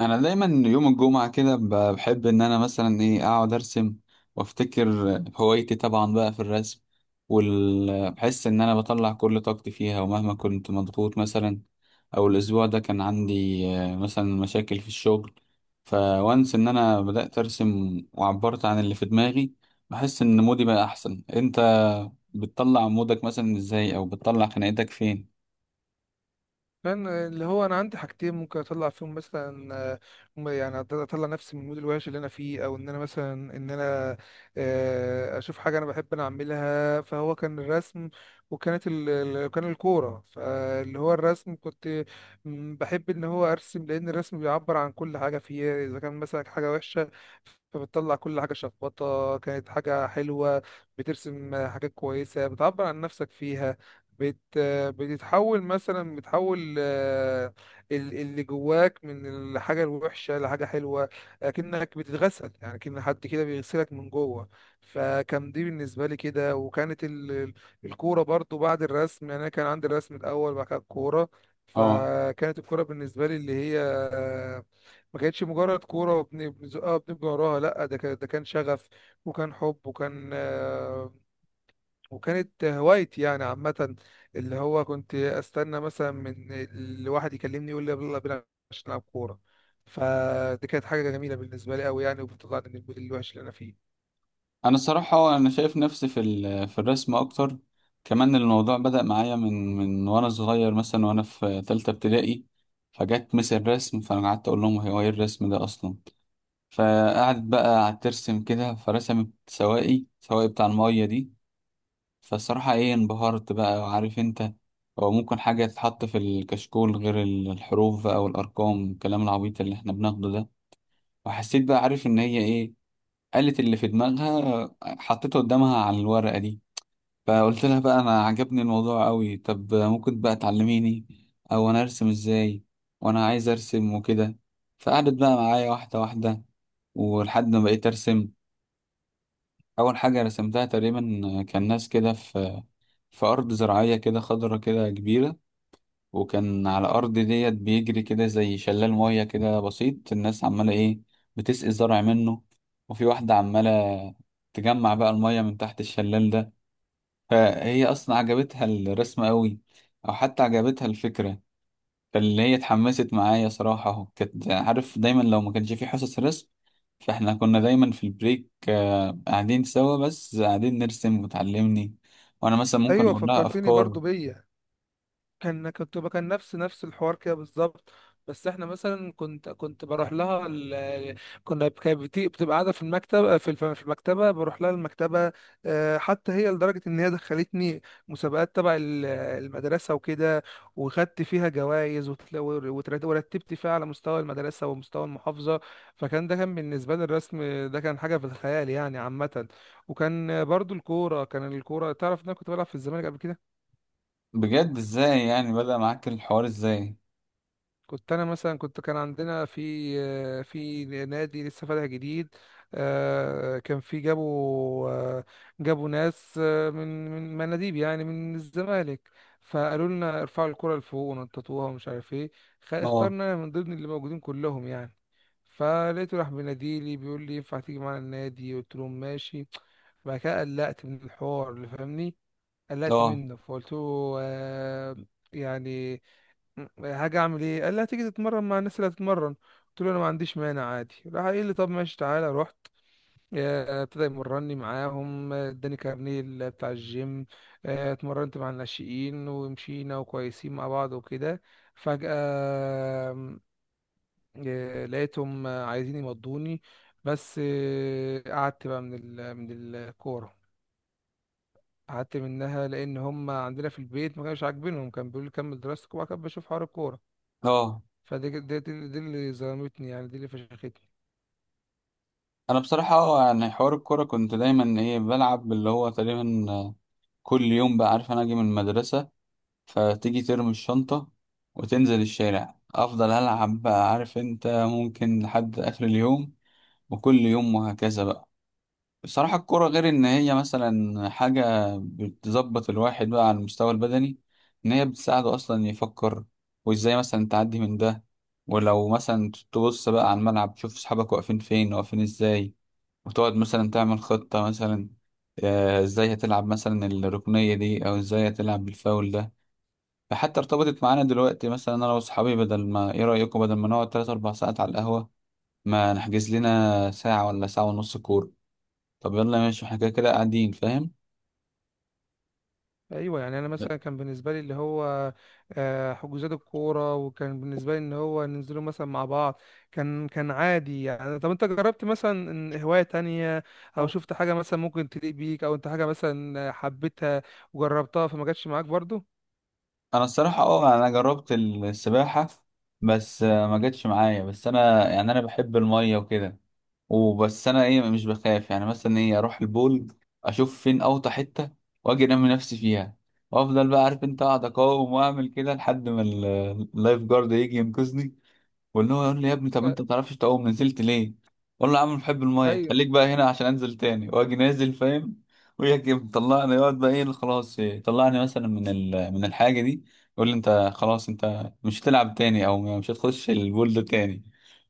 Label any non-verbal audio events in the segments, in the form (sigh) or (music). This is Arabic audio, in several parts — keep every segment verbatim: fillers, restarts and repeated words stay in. انا دايما يوم الجمعه كده ب- بحب ان انا مثلا ايه اقعد ارسم وافتكر. هوايتي طبعا بقى في الرسم، وبحس ان انا بطلع كل طاقتي فيها، ومهما كنت مضغوط مثلا او الاسبوع ده كان عندي آه، مثلا مشاكل في الشغل، فوانس ان انا بدات ارسم وعبرت عن اللي في دماغي. بحس ان مودي بقى احسن. انت بتطلع مودك مثلا ازاي او بتطلع خناقتك فين؟ لان اللي هو انا عندي حاجتين ممكن اطلع فيهم مثلا آه، م- يعني أط- اطلع نفسي من المود الوحش اللي انا فيه، او ان انا مثلا ان انا آه، اشوف حاجه انا بحب انا اعملها. فهو كان الرسم، وكانت ال... ال- كان الكوره. فاللي هو الرسم، كنت م، بحب ان هو ارسم، لان الرسم بيعبر عن كل حاجه فيا. اذا كان مثلا حاجه وحشه، فبتطلع كل حاجه شخبطه. كانت حاجه حلوه، بترسم حاجات كويسه بتعبر عن نفسك فيها. آه، بتتحول مثلا، بتحول آه، ال- اللي جواك من الحاجة الوحشة لحاجة حلوة. أكنك بتتغسل، يعني كأن حد كده بيغسلك من جوه. فكان دي بالنسبة لي كده. وكانت ال- ال- الكورة برضو بعد الرسم. يعني أنا كان عندي الرسم الأول، بعد كده الكورة. اه. فكانت الكورة بالنسبة لي اللي هي آه، ما كانتش مجرد كورة وبنزقها وبنبقى وراها. لأ، ده كان، ده كان شغف، وكان حب، وكان آه، وكانت هوايتي يعني عامة. اللي هو كنت استنى مثلا من الواحد يكلمني يقول لي يلا بينا عشان نلعب كورة. فدي كانت حاجة جميلة بالنسبة لي قوي يعني، وبتطلعني من المود الوحش اللي انا فيه. انا الصراحه انا شايف نفسي في ال- في الرسم اكتر. كمان الموضوع بدأ معايا من من وانا صغير، مثلا وانا في ثالثه ابتدائي، فجت مس الرسم، فانا قعدت اقول لهم هو ايه الرسم ده اصلا. فقعدت بقى قعدت ترسم كده، فرسمت سواقي سواقي بتاع الميه دي. فالصراحه ايه انبهرت بقى، وعارف انت، هو ممكن حاجه تتحط في الكشكول غير ال- الحروف بقى والارقام والكلام العبيط اللي احنا بناخده ده. وحسيت بقى عارف ان هي ايه، قالت اللي في دماغها حطيته قدامها على الورقه دي. فقلت لها بقى انا عجبني الموضوع قوي، طب ممكن بقى تعلميني او انا ارسم ازاي، وانا عايز ارسم وكده. فقعدت بقى معايا واحده واحده، ولحد ما بقيت ارسم. اول حاجه رسمتها تقريبا كان ناس كده في في ارض زراعيه كده خضره كده كبيره، وكان على الارض ديت بيجري كده زي شلال ميه كده بسيط، الناس عماله ايه، بتسقي الزرع منه، وفي واحده عماله تجمع بقى الميه من تحت الشلال ده. فهي اصلا عجبتها الرسمة قوي، او حتى عجبتها الفكرة. فاللي هي اتحمست معايا صراحة اهو، كانت عارف دايما لو ما كانش في حصص رسم، فاحنا كنا دايما في البريك آه، قاعدين سوا، بس قاعدين نرسم وتعلمني، وانا مثلا ممكن ايوه، اقول لها فكرتني افكار. برضو بيا. كان كنت بقى- كان نفس نفس الحوار كده بالظبط. بس احنا مثلا كنت كنت بروح لها ال... (laughs) كنا ب- كانت بتي- بتبقى قاعده في المكتب، في الف- في المكتبه، بروح لها المكتبه. آه، حتى هي لدرجه ان هي دخلتني مسابقات تبع ال- المدرسه وكده، وخدت فيها جوائز، ورتبت فيها على مستوى المدرسه ومستوى المحافظه. فكان ده، كان بالنسبه لي الرسم ده، كان حاجه في الخيال يعني عامه. وكان برضو الكوره، كان الكوره تعرف ان انا كنت بلعب في الزمالك قبل كده. بجد، ازاي يعني بدأ معاك الحوار ازاي؟ كنت انا مثلا كنت كان عندنا في آه، في نادي لسه فاتح جديد. آه، كان في، جابوا آه، جابوا ناس آه، من من مناديب يعني من الزمالك. فقالوا لنا ارفعوا الكرة لفوق ونططوها ومش عارف ايه. خ- اه اخترنا من ضمن اللي موجودين كلهم يعني. فلقيته راح بيناديلي بيقول لي ينفع تيجي معانا النادي. قلت له ماشي. بعد كده قلقت من الحوار، اللي فاهمني. قلقت اه منه فقلت له آه، يعني حاجه، اعمل ايه؟ قال لي هتيجي تتمرن مع الناس اللي هتتمرن. قلت له انا ما عنديش مانع عادي. راح قال لي طب ماشي تعالى. رحت، آه، ابتدى يمرني معاهم. آه، اداني كارنيه ال- بتاع الجيم. آه، اتمرنت مع الناشئين ومشينا وكويسين مع بعض وكده. فجأة آه، لقيتهم آه، عايزين يمضوني. بس آه، قعدت بقى من ال من الكورة. قعدت منها لأن هم عندنا في البيت ما كانش عاجبينهم. كان بيقولوا لي كمل دراستك، وبعد كده بشوف حوار الكورة. اه. فدي، دي, دي, دي اللي ظلمتني، يعني دي اللي فشختني. انا بصراحة اه يعني حوار الكورة كنت دايما ايه بلعب، اللي هو تقريبا آه، كل يوم بقى، عارف انا اجي من المدرسة فتيجي ترمي الشنطة وتنزل الشارع أفضل ألعب بقى، عارف أنت، ممكن لحد آخر اليوم، وكل يوم، وهكذا بقى. بصراحة الكرة غير إن هي مثلا حاجة بتظبط الواحد بقى على المستوى البدني، إن هي بتساعده أصلا يفكر، وإزاي مثلا تعدي من ده، ولو مثلا تبص بقى على الملعب تشوف أصحابك واقفين فين واقفين إزاي، وتقعد مثلا تعمل خطة مثلا، آه، إزاي هتلعب مثلا الركنية دي أو إزاي هتلعب بالفاول ده. فحتى ارتبطت معانا دلوقتي، مثلا انا واصحابي، بدل ما ايه رايكم، بدل ما نقعد تلاتة اربعة ساعات على القهوه، ما نحجز لنا ساعه ولا ساعه ونص كوره، طب يلا ماشي احنا كده كده قاعدين، فاهم؟ ايوه يعني انا مثلا كان بالنسبه لي اللي هو آه، حجوزات الكوره، وكان بالنسبه لي ان هو ننزلوا مثلا مع بعض. كان كان عادي يعني. طب انت جربت مثلا إن هوايه تانية، او شفت حاجه مثلا ممكن تليق بيك، او انت حاجه مثلا حبيتها وجربتها فما جاتش معاك برضو؟ انا الصراحه اه انا جربت السباحه، بس آه، ما جاتش معايا، بس انا يعني انا بحب الميه وكده، وبس انا ايه مش بخاف، يعني مثلا ايه اروح البول اشوف فين اوطى حته واجي انمي نفسي فيها، وافضل بقى عارف انت اقعد اقاوم واعمل كده لحد ما ال- اللايف جارد يجي ينقذني، واللي هو يقول لي يا ابني طب آه، انت ما بتعرفش تعوم نزلت ليه؟ اقول له يا عم بحب الميه، ايوه خليك بقى هنا عشان انزل تاني واجي نازل، فاهم. ويجي مطلعني، يقعد بقى ايه، خلاص طلعني مثلا من ال... من الحاجه دي، يقول لي انت خلاص انت مش هتلعب تاني او مش هتخش البول ده تاني.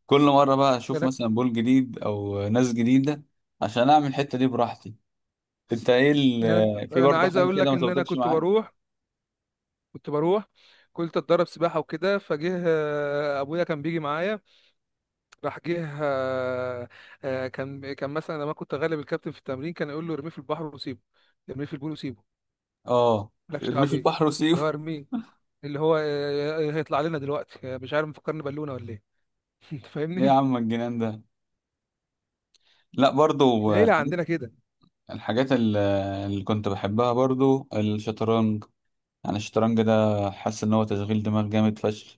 كل مره بقى اشوف انا مثلا بول جديد او ناس جديده عشان اعمل الحته دي براحتي. انت ايه انا ال... في أنا برضه عايز حاجه اقول كده لك ما ان انا ظبطتش كنت معاك؟ بروح، كنت بروح كنت اتدرب سباحه وكده. فجه آه، ابويا كان بيجي معايا. راح جه آه، آه، كان، كان مثلا لما كنت غالب الكابتن في التمرين، كان يقول له ارميه في البحر وسيبه، ارميه في البول وسيبه. اه. مالكش دعوه ارميه في بيه. البحر اللي هو وسيبه. ارميه، اللي هو آه، هيطلع لنا دلوقتي آه، مش عارف، مفكرني بالونه ولا ايه. (laughs) انت ايه (laughs) يا فاهمني، عم الجنان ده، لا برضو. العيله عندنا كده. الحاجات ال- اللي كنت بحبها برضو الشطرنج. يعني الشطرنج ده حاسس ان هو تشغيل دماغ جامد فشخ،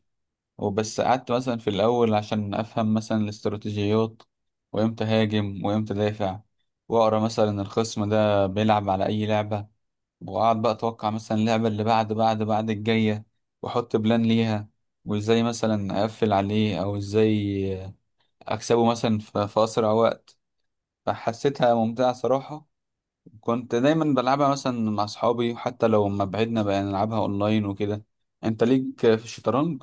وبس قعدت مثلا في الاول عشان افهم مثلا الاستراتيجيات، وامتى هاجم وامتى دافع، واقرا مثلا الخصم ده بيلعب على اي لعبة، واقعد بقى اتوقع مثلا اللعبة اللي بعد بعد بعد الجاية، واحط بلان ليها، وازاي مثلا اقفل عليه، او ازاي اكسبه مثلا في في اسرع وقت. فحسيتها ممتعة صراحة. كنت دايما بلعبها مثلا مع اصحابي، وحتى لو ما بعدنا بقى نلعبها اونلاين وكده. انت ليك في الشطرنج؟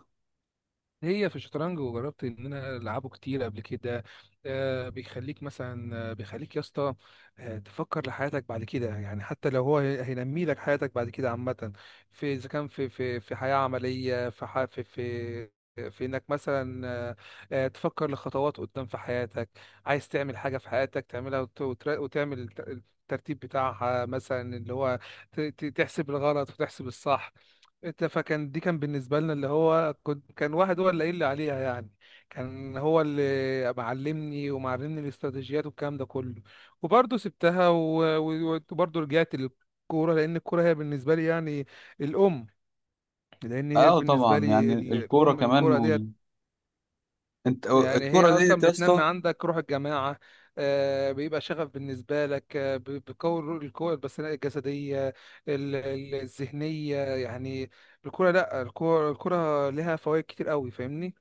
هي في الشطرنج، وجربت ان انا العبه كتير قبل كده. آه، بيخليك مثلا آه، بيخليك يا اسطى آه تفكر لحياتك بعد كده يعني. حتى لو هو هي- هينمي لك حياتك بعد كده عامة، في، اذا كان في، في في حياة عملية، في ح- في في في انك مثلا آه، آه، تفكر لخطوات قدام في حياتك. عايز تعمل حاجة في حياتك، تعملها وت- وتر- وتعمل الت- الترتيب بتاعها مثلا، اللي هو ت- ت- تحسب الغلط وتحسب الصح. انت، فكان دي كان بالنسبه لنا اللي هو، كنت كان واحد هو اللي قايل لي عليها يعني. كان هو اللي معلمني، ومعلمني الاستراتيجيات والكلام ده كله. وبرضه سبتها و- و- وبرضه رجعت للكوره، لان الكوره هي بالنسبه لي يعني الام. لان هي اه بالنسبه طبعا. يعني لي ال- الكوره الام كمان الكوره ديت. وال... انت يعني هي الكوره ديت اصلا يا بتنمي اسطى. عندك روح الجماعه. آه، بيبقى شغف بالنسبه لك. آه، ب- بتقوي القوه البدنيه الجسديه، ال- ال- الذهنيه يعني. الكوره، لا، الكوره الكوره لها فوائد كتير قوي، فاهمني.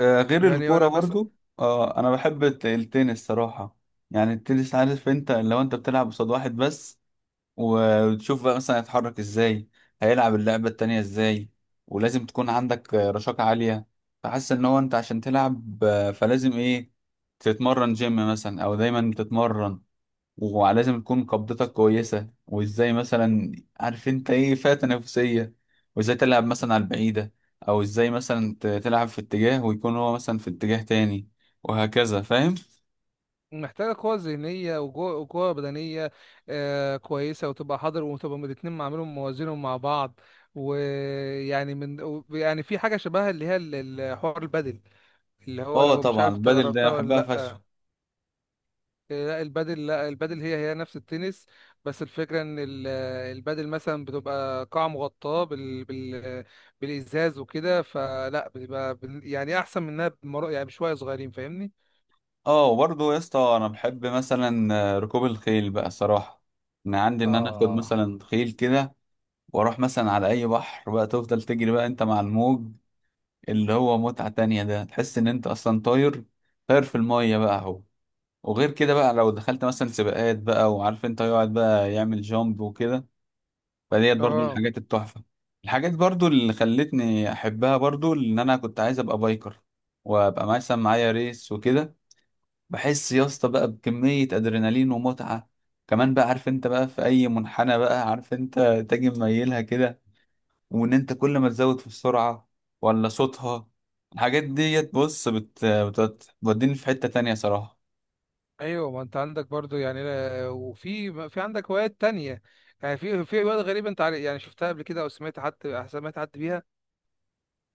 آه، غير يعني الكوره انا مثلا برضو، آه انا بحب الت- التنس صراحه. يعني التنس عارف انت، لو انت بتلعب قصاد واحد بس، وتشوف بقى مثلا هيتحرك ازاي، هيلعب اللعبة التانية ازاي، ولازم تكون عندك آه، رشاقة عالية. فحاسس ان هو انت عشان تلعب آه، فلازم ايه تتمرن جيم مثلا او دايما تتمرن، ولازم تكون قبضتك كويسة، وازاي مثلا عارف انت ايه فئة تنافسية، وازاي تلعب مثلا على البعيدة، او ازاي مثلا ت- تلعب في اتجاه ويكون هو مثلا في اتجاه تاني، وهكذا فاهم. محتاجه قوه ذهنيه وجو- وقوه بدنيه آه، كويسه، وتبقى حاضر، وتبقى الاتنين عاملهم موازينهم مع بعض. ويعني من و- يعني في حاجه شبهها اللي هي ال- الحوار البدل، اللي هو اه لو مش طبعا عارف انت البدل ده جربتها ولا بحبها فشخ. لا. لا البادل، لا البادل هي، هي نفس التنس، بس الفكرة ان ال- البادل مثلا بتبقى قاعة مغطاة بال بال بالإزاز وكده. فلا بتبقى بن- يعني احسن منها بمر... يعني بشوية صغيرين، فاهمني. اه وبرضه يا اسطى انا بحب مثلا آه، ركوب الخيل بقى صراحه. انا عندي ان انا اخد اه. مثلا خيل كده واروح مثلا على اي بحر، بقى تفضل تجري بقى انت مع الموج، اللي هو متعه تانية، ده تحس ان انت اصلا طاير، طاير في الميه بقى اهو. وغير كده بقى، لو دخلت مثلا سباقات بقى، وعارف انت يقعد بقى يعمل جامب وكده. فديت برضه من اه، الحاجات التحفه. الحاجات برضه اللي خلتني احبها برضه ان انا كنت عايز ابقى بايكر، وابقى مثلا معايا ريس وكده. بحس يا اسطى بقى بكمية أدرينالين ومتعة، كمان بقى عارف انت بقى في أي منحنى بقى عارف انت تاجي مميلها كده، وإن انت كل ما تزود في السرعة ولا صوتها، الحاجات ديت بص بت... بت- بتوديني في حتة تانية صراحة. ايوه ما انت عندك برضو يعني، لا- وفي، في عندك هوايات تانية يعني، في في هوايات غريبة انت عارف، يعني شفتها قبل كده او سمعت حد، سمعت حد بيها؟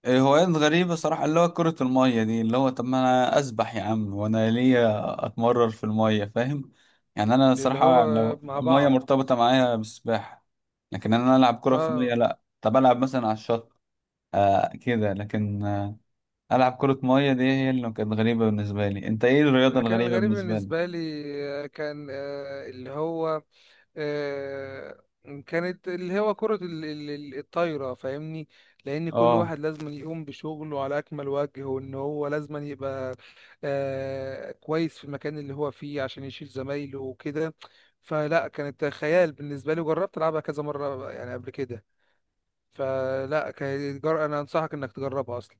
إيه، هوايات غريبة صراحة، اللي هو كرة المية دي، اللي هو طب ما أنا أسبح يا عم وأنا ليا أتمرر في المية، فاهم. يعني أنا اللي صراحة هو لو مع المية بعض. مرتبطة معايا بالسباحة، لكن أنا ألعب كرة في المية اه. لأ. طب ألعب مثلا على الشط آه كده، لكن آه ألعب كرة مية دي هي اللي كانت غريبة بالنسبة لي. أنت إيه الرياضة انا كان الغريبة الغريب بالنسبة لي؟ بالنسبة لي آه، كان آه، اللي هو آه، كانت اللي هو كرة ال- ال- ال- الطايرة، فاهمني. لأن كل آه. واحد لازم يقوم بشغله على أكمل وجه، وإن هو لازم يبقى آه، كويس في المكان اللي هو فيه عشان يشيل زمايله وكده. فلا كانت خيال بالنسبة لي، وجربت ألعبها كذا مرة يعني قبل كده. فلا كانت جر... أنا أنصحك إنك تجربها أصلا.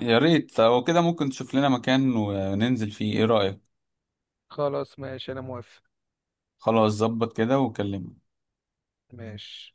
يا ريت لو كده ممكن تشوف لنا مكان وننزل فيه، إيه رأيك؟ خلاص ماشي، أنا موافق. خلاص ظبط كده وكلمني. ماشي.